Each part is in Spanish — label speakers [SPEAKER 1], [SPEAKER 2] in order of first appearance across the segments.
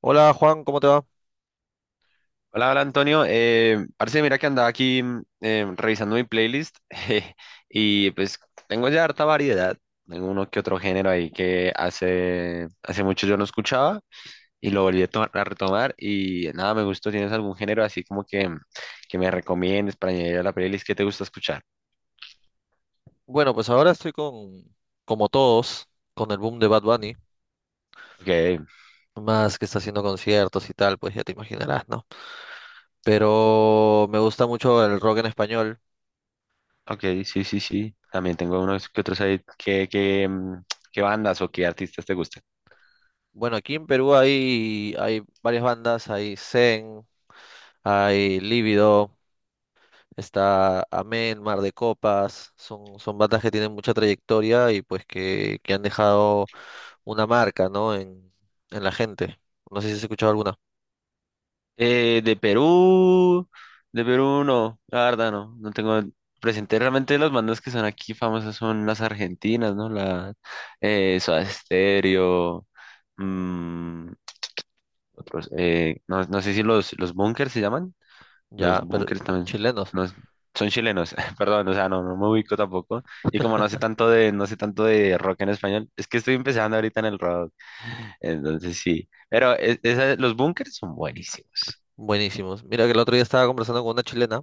[SPEAKER 1] Hola Juan, ¿cómo te va?
[SPEAKER 2] Hola, Antonio. Parce, mira que andaba aquí revisando mi playlist y pues tengo ya harta variedad. Tengo uno que otro género ahí que hace mucho yo no escuchaba y lo volví a retomar y nada, me gustó. ¿Tienes algún género así como que, que me recomiendes para añadir a la playlist que te gusta escuchar?
[SPEAKER 1] Bueno, pues ahora estoy con, como todos, con el boom de Bad Bunny,
[SPEAKER 2] Ok,
[SPEAKER 1] más que está haciendo conciertos y tal, pues ya te imaginarás, ¿no? Pero me gusta mucho el rock en español.
[SPEAKER 2] ok, sí, sí, sí. También tengo unos que otros ahí que qué bandas o qué artistas te gustan.
[SPEAKER 1] Bueno, aquí en Perú hay varias bandas, hay Zen, hay Lívido, está Amén, Mar de Copas, son bandas que tienen mucha trayectoria y pues que han dejado una marca, ¿no? En la gente. No sé si has escuchado alguna.
[SPEAKER 2] Eh, de Perú, de Perú no, la verdad no, no tengo presente. Realmente las bandas que son aquí famosas son las argentinas, ¿no? La Soda Stereo, mm, otros, no, no sé si los Bunkers se llaman, los
[SPEAKER 1] Ya, pero
[SPEAKER 2] Bunkers también,
[SPEAKER 1] chilenos.
[SPEAKER 2] no, son chilenos, perdón, o sea, no, no me ubico tampoco. Y como no sé tanto de, no sé tanto de rock en español, es que estoy empezando ahorita en el rock, entonces sí. Pero los Bunkers son buenísimos.
[SPEAKER 1] Buenísimos. Mira que el otro día estaba conversando con una chilena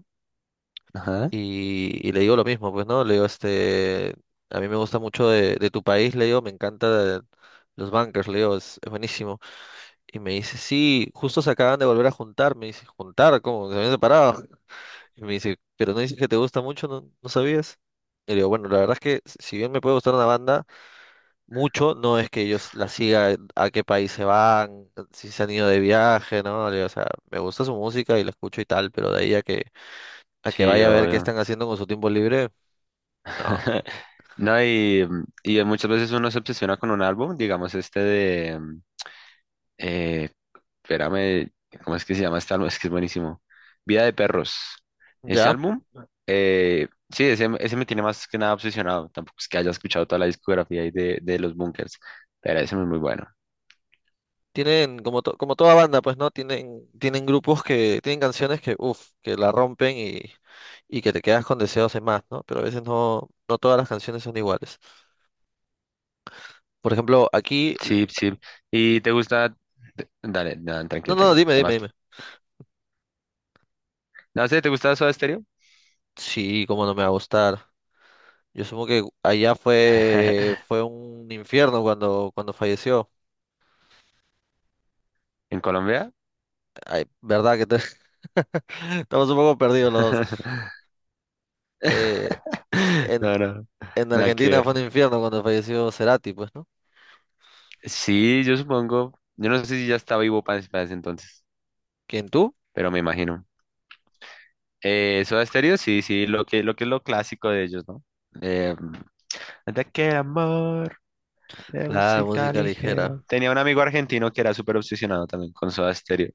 [SPEAKER 1] y le digo lo mismo, pues, ¿no? Le digo, este, a mí me gusta mucho de tu país, le digo, me encanta los bunkers, le digo, es buenísimo. Y me dice, sí, justo se acaban de volver a juntar, me dice, ¿juntar? ¿Cómo? ¿Se habían separado? Y me dice, ¿pero no dices que te gusta mucho? ¿ no sabías? Y le digo, bueno, la verdad es que si bien me puede gustar una banda, mucho no es que yo la siga a qué país se van, si se han ido de viaje, ¿no? Le digo, o sea, me gusta su música y la escucho y tal, pero de ahí a que
[SPEAKER 2] Sí,
[SPEAKER 1] vaya a ver qué
[SPEAKER 2] obvio.
[SPEAKER 1] están haciendo con su tiempo libre. No,
[SPEAKER 2] No, y muchas veces uno se obsesiona con un álbum, digamos este de, eh, espérame, ¿cómo es que se llama este álbum? Es que es buenísimo. Vida de Perros. Ese
[SPEAKER 1] ya.
[SPEAKER 2] álbum, sí, ese me tiene más que nada obsesionado. Tampoco es que haya escuchado toda la discografía ahí de los Bunkers, pero ese es muy bueno.
[SPEAKER 1] Tienen, como, como toda banda, pues, ¿no? Tienen grupos que, tienen canciones que, uff, que la rompen y que te quedas con deseos de más, ¿no? Pero a veces no todas las canciones son iguales. Por ejemplo, aquí,
[SPEAKER 2] Sí, sí. ¿Y te gusta? Dale, no,
[SPEAKER 1] no,
[SPEAKER 2] tranquilo,
[SPEAKER 1] no,
[SPEAKER 2] tranquilo. Además,
[SPEAKER 1] dime.
[SPEAKER 2] no sé, ¿te gusta Soda Stereo?
[SPEAKER 1] Sí, cómo no me va a gustar. Yo supongo que allá fue un infierno cuando falleció.
[SPEAKER 2] ¿En Colombia?
[SPEAKER 1] Ay, verdad que te- estamos un poco perdidos los dos. Eh, en-
[SPEAKER 2] No, no,
[SPEAKER 1] En
[SPEAKER 2] nada que
[SPEAKER 1] Argentina fue
[SPEAKER 2] ver.
[SPEAKER 1] un infierno cuando falleció Cerati, pues, ¿no?
[SPEAKER 2] Sí, yo supongo. Yo no sé si ya estaba vivo para ese entonces,
[SPEAKER 1] ¿Quién tú?
[SPEAKER 2] pero me imagino. Soda Stereo, sí, sí, lo que es lo clásico de ellos, ¿no? Eh, de aquel amor, de
[SPEAKER 1] La
[SPEAKER 2] música
[SPEAKER 1] música
[SPEAKER 2] ligera.
[SPEAKER 1] ligera.
[SPEAKER 2] Tenía un amigo argentino que era súper obsesionado también con Soda Stereo.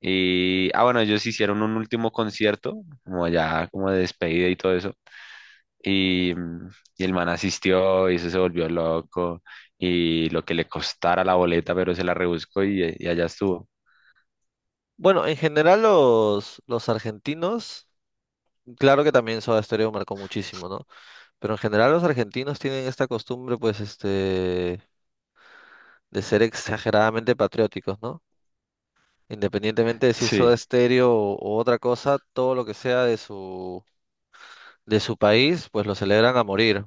[SPEAKER 2] Y, ah, bueno, ellos hicieron un último concierto, como ya, como de despedida y todo eso. Y, mm, y el man asistió y eso se volvió loco y lo que le costara la boleta, pero se la rebuscó y allá estuvo.
[SPEAKER 1] Bueno, en general los argentinos, claro que también Soda Stereo marcó muchísimo, ¿no? Pero en general los argentinos tienen esta costumbre, pues, este, de ser exageradamente patrióticos, ¿no? Independientemente de si es Soda
[SPEAKER 2] Sí.
[SPEAKER 1] Stereo o otra cosa, todo lo que sea de su país, pues lo celebran a morir.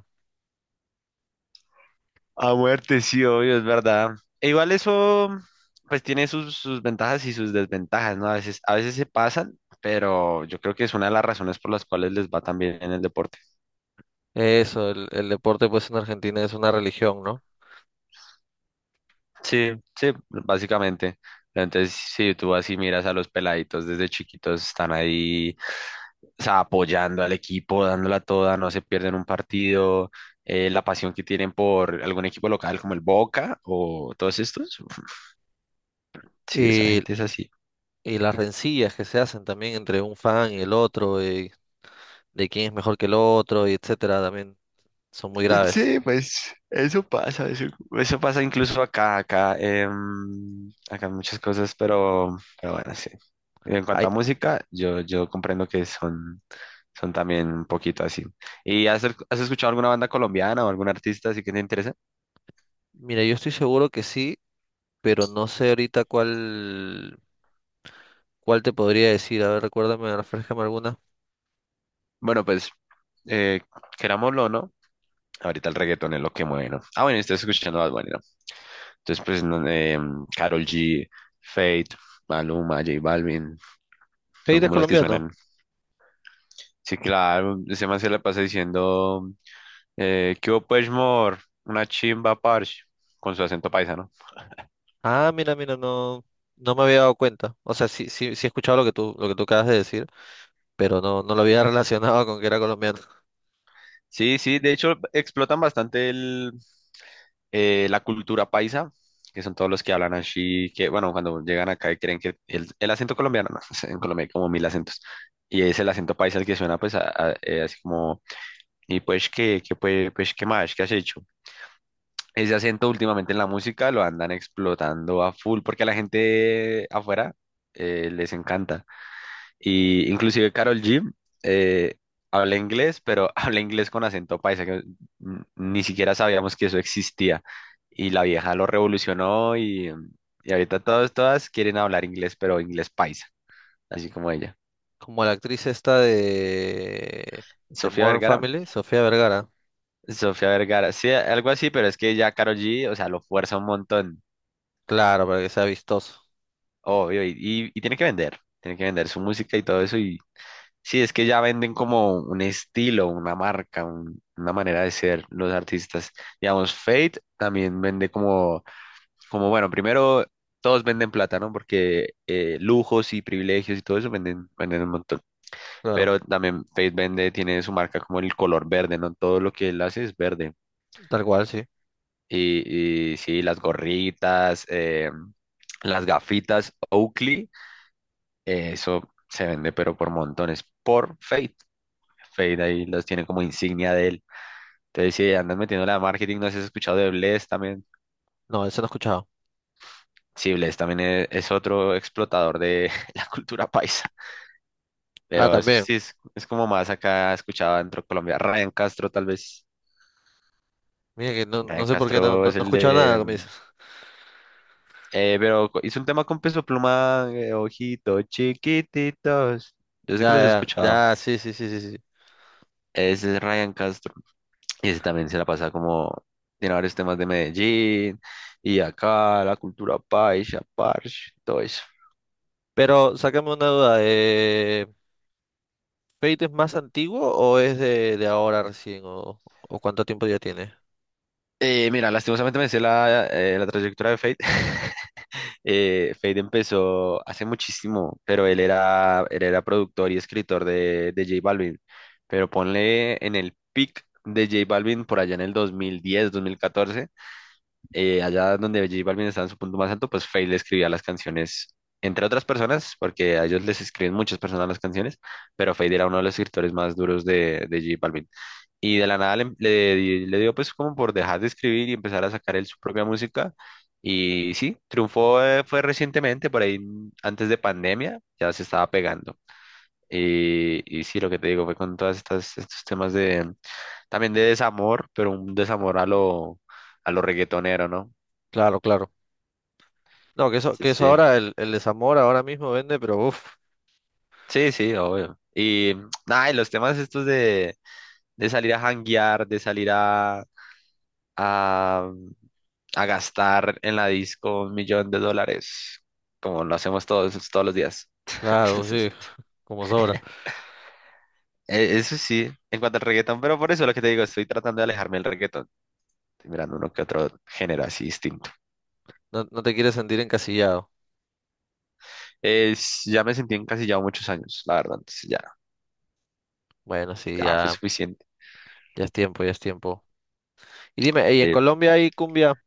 [SPEAKER 2] A muerte, sí, obvio, es verdad. E igual eso, pues tiene sus, sus ventajas y sus desventajas, ¿no? A veces se pasan, pero yo creo que es una de las razones por las cuales les va tan bien en el deporte.
[SPEAKER 1] Eso, el deporte, pues, en Argentina es una religión, ¿no?
[SPEAKER 2] Sí, sí, básicamente. Entonces, si tú así miras a los peladitos desde chiquitos, están ahí, o sea, apoyando al equipo, dándola toda, no se pierden un partido, la pasión que tienen por algún equipo local como el Boca o todos estos, uf, sí, esa
[SPEAKER 1] Y
[SPEAKER 2] gente es así.
[SPEAKER 1] Y las rencillas que se hacen también entre un fan y el otro, y de quién es mejor que el otro, y etcétera, también son muy graves.
[SPEAKER 2] Sí, pues eso pasa, eso pasa incluso acá, acá hay muchas cosas, pero bueno, sí. En cuanto
[SPEAKER 1] Ay,
[SPEAKER 2] a música, yo comprendo que son son también un poquito así. ¿Y has, has escuchado alguna banda colombiana o algún artista así que te interesa?
[SPEAKER 1] mira, yo estoy seguro que sí, pero no sé ahorita cuál, cuál te podría decir. A ver, recuérdame, refrescame alguna.
[SPEAKER 2] Bueno, pues, eh, querámoslo o no, ahorita el reggaetón es lo que mueve, ¿no? Ah, bueno, estás escuchando Bad Bunny, ¿no? Entonces, pues, no, Karol G, Fate, Maluma, J Balvin, son
[SPEAKER 1] ¿Pedir es
[SPEAKER 2] como las que
[SPEAKER 1] colombiano?
[SPEAKER 2] suenan. Sí, claro, ese man se la pasa diciendo, ¿qué hubo, pues, mor? Una chimba, parche, con su acento paisano.
[SPEAKER 1] Ah, no, no me había dado cuenta. O sea, sí, sí, sí he escuchado lo que tú acabas de decir, pero no, no lo había relacionado con que era colombiano.
[SPEAKER 2] Sí, sí, de hecho, explotan bastante el la cultura paisa, que son todos los que hablan así, que bueno, cuando llegan acá y creen que el acento colombiano, no, en Colombia hay como mil acentos, y es el acento paisa el que suena pues así como, y pues pues qué más, qué has hecho. Ese acento últimamente en la música lo andan explotando a full, porque a la gente afuera les encanta. Y inclusive Carol G eh, habla inglés, pero habla inglés con acento paisa, que mm, ni siquiera sabíamos que eso existía. Y la vieja lo revolucionó y ahorita todas quieren hablar inglés, pero inglés paisa, así como ella.
[SPEAKER 1] Como la actriz esta de
[SPEAKER 2] Sofía
[SPEAKER 1] Modern
[SPEAKER 2] Vergara,
[SPEAKER 1] Family, Sofía Vergara.
[SPEAKER 2] Sofía Vergara, sí, algo así, pero es que ya Karol G, o sea, lo fuerza un montón,
[SPEAKER 1] Claro, para que sea vistoso.
[SPEAKER 2] obvio, y, y tiene que vender su música y todo eso y, sí, es que ya venden como un estilo, una marca, una manera de ser los artistas. Digamos, Fate también vende como, como bueno, primero todos venden plata, ¿no? Porque lujos y privilegios y todo eso venden, venden un montón.
[SPEAKER 1] Claro,
[SPEAKER 2] Pero también Fate vende, tiene su marca como el color verde, ¿no? Todo lo que él hace es verde.
[SPEAKER 1] tal cual, sí.
[SPEAKER 2] Y sí, las gorritas, las gafitas Oakley, eso se vende, pero por montones, por Fate. Fade ahí los tiene como insignia de él. Entonces, si andas metiendo la marketing, no sé si has escuchado de Bless también.
[SPEAKER 1] No, ese no he escuchado.
[SPEAKER 2] Sí, Bless también es, otro explotador de la cultura paisa.
[SPEAKER 1] Ah,
[SPEAKER 2] Pero
[SPEAKER 1] también.
[SPEAKER 2] sí, es como más acá escuchado dentro de Colombia. Ryan Castro, tal vez.
[SPEAKER 1] Mira que no, no
[SPEAKER 2] Ryan
[SPEAKER 1] sé por qué no,
[SPEAKER 2] Castro
[SPEAKER 1] no, no
[SPEAKER 2] es
[SPEAKER 1] he
[SPEAKER 2] el
[SPEAKER 1] escuchado nada,
[SPEAKER 2] de.
[SPEAKER 1] como
[SPEAKER 2] mm,
[SPEAKER 1] dices.
[SPEAKER 2] eh, pero co- hizo un tema con Peso Pluma, ojitos chiquititos. Yo sé que
[SPEAKER 1] Ya,
[SPEAKER 2] los he
[SPEAKER 1] ya,
[SPEAKER 2] escuchado.
[SPEAKER 1] ya, sí, sí, sí, sí, sí.
[SPEAKER 2] Ese es Ryan Castro. Y ese también se la pasa como, tiene varios temas de Medellín y acá, la cultura paisa, parche, todo eso.
[SPEAKER 1] Pero sácame una duda, ¿Fate es más antiguo o es de ahora recién? O cuánto tiempo ya tiene?
[SPEAKER 2] Mira, lastimosamente me sé la, la trayectoria de Fate. Fate empezó hace muchísimo, pero él era productor y escritor de J Balvin. Pero ponle en el peak de J Balvin por allá en el 2010, 2014. Eh, allá donde J Balvin estaba en su punto más alto, pues Feid le escribía las canciones, entre otras personas, porque a ellos les escriben muchas personas las canciones, pero Feid era uno de los escritores más duros de J Balvin. Y de la nada le dio pues como por dejar de escribir y empezar a sacar él su propia música. Y sí, triunfó, fue recientemente, por ahí mm, antes de pandemia, ya se estaba pegando. Y sí, lo que te digo fue con todas estos temas también de desamor, pero un desamor a lo reggaetonero, ¿no?
[SPEAKER 1] Claro, claro. No,
[SPEAKER 2] Sí,
[SPEAKER 1] que eso
[SPEAKER 2] sí,
[SPEAKER 1] ahora, el desamor ahora mismo vende, pero uff,
[SPEAKER 2] sí, sí, obvio. Y mm, nada, y los temas estos de salir a janguear, de salir a, mm, a gastar en la disco un millón de dólares, como lo hacemos todos, todos los días.
[SPEAKER 1] claro,
[SPEAKER 2] Entonces,
[SPEAKER 1] sí, como sobra.
[SPEAKER 2] eso sí, en cuanto al reggaetón, pero por eso lo que te digo, estoy tratando de alejarme del reggaetón, estoy mirando uno que otro género así distinto.
[SPEAKER 1] No, no te quieres sentir encasillado.
[SPEAKER 2] Es, ya me sentí encasillado muchos años, la verdad, entonces ya,
[SPEAKER 1] Bueno, sí,
[SPEAKER 2] ya fue
[SPEAKER 1] ya,
[SPEAKER 2] suficiente.
[SPEAKER 1] ya es tiempo, ya es tiempo. Y dime, ¿y en
[SPEAKER 2] Sí,
[SPEAKER 1] Colombia hay cumbia?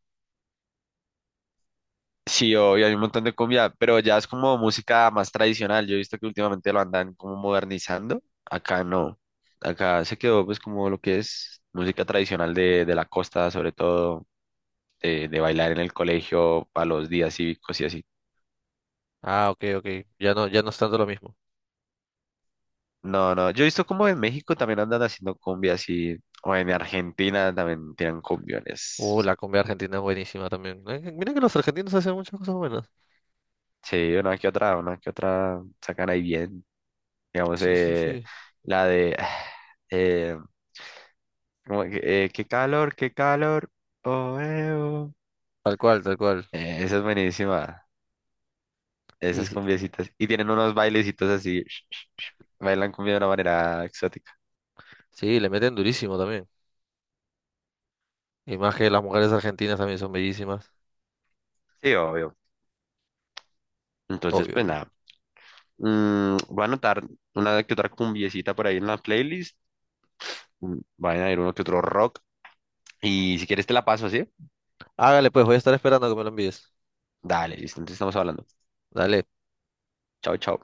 [SPEAKER 2] sí, obvio, hay un montón de cumbia, pero ya es como música más tradicional. Yo he visto que últimamente lo andan como modernizando. Acá no. Acá se quedó pues como lo que es música tradicional de la costa, sobre todo de bailar en el colegio para los días cívicos y así.
[SPEAKER 1] Ah, ok, ok. Ya no, ya no es tanto lo mismo.
[SPEAKER 2] No, no, yo he visto como en México también andan haciendo cumbia así, o en Argentina también tienen cumbiones.
[SPEAKER 1] La comida argentina es buenísima también. Mira que los argentinos hacen muchas cosas buenas.
[SPEAKER 2] Sí, una que otra sacan ahí bien. Digamos,
[SPEAKER 1] Sí, sí, sí.
[SPEAKER 2] la de... eh, como que, qué calor, qué calor. Oh, oh.
[SPEAKER 1] Tal cual, tal cual.
[SPEAKER 2] Esa es buenísima.
[SPEAKER 1] Y
[SPEAKER 2] Esas
[SPEAKER 1] sí,
[SPEAKER 2] cumbiecitas. Y tienen unos bailecitos así. Bailan cumbia de una manera exótica.
[SPEAKER 1] sí, le meten durísimo también. Y más que las mujeres argentinas también son bellísimas.
[SPEAKER 2] Sí, obvio. Entonces,
[SPEAKER 1] Obvio,
[SPEAKER 2] pues
[SPEAKER 1] obvio.
[SPEAKER 2] nada. Mm, voy a anotar una que otra cumbiecita por ahí en la playlist. Mm, vayan a ir uno que otro rock. Y si quieres te la paso, ¿sí?
[SPEAKER 1] Hágale pues, voy a estar esperando a que me lo envíes.
[SPEAKER 2] Dale, listo. Entonces estamos hablando.
[SPEAKER 1] Dale.
[SPEAKER 2] Chao, chao.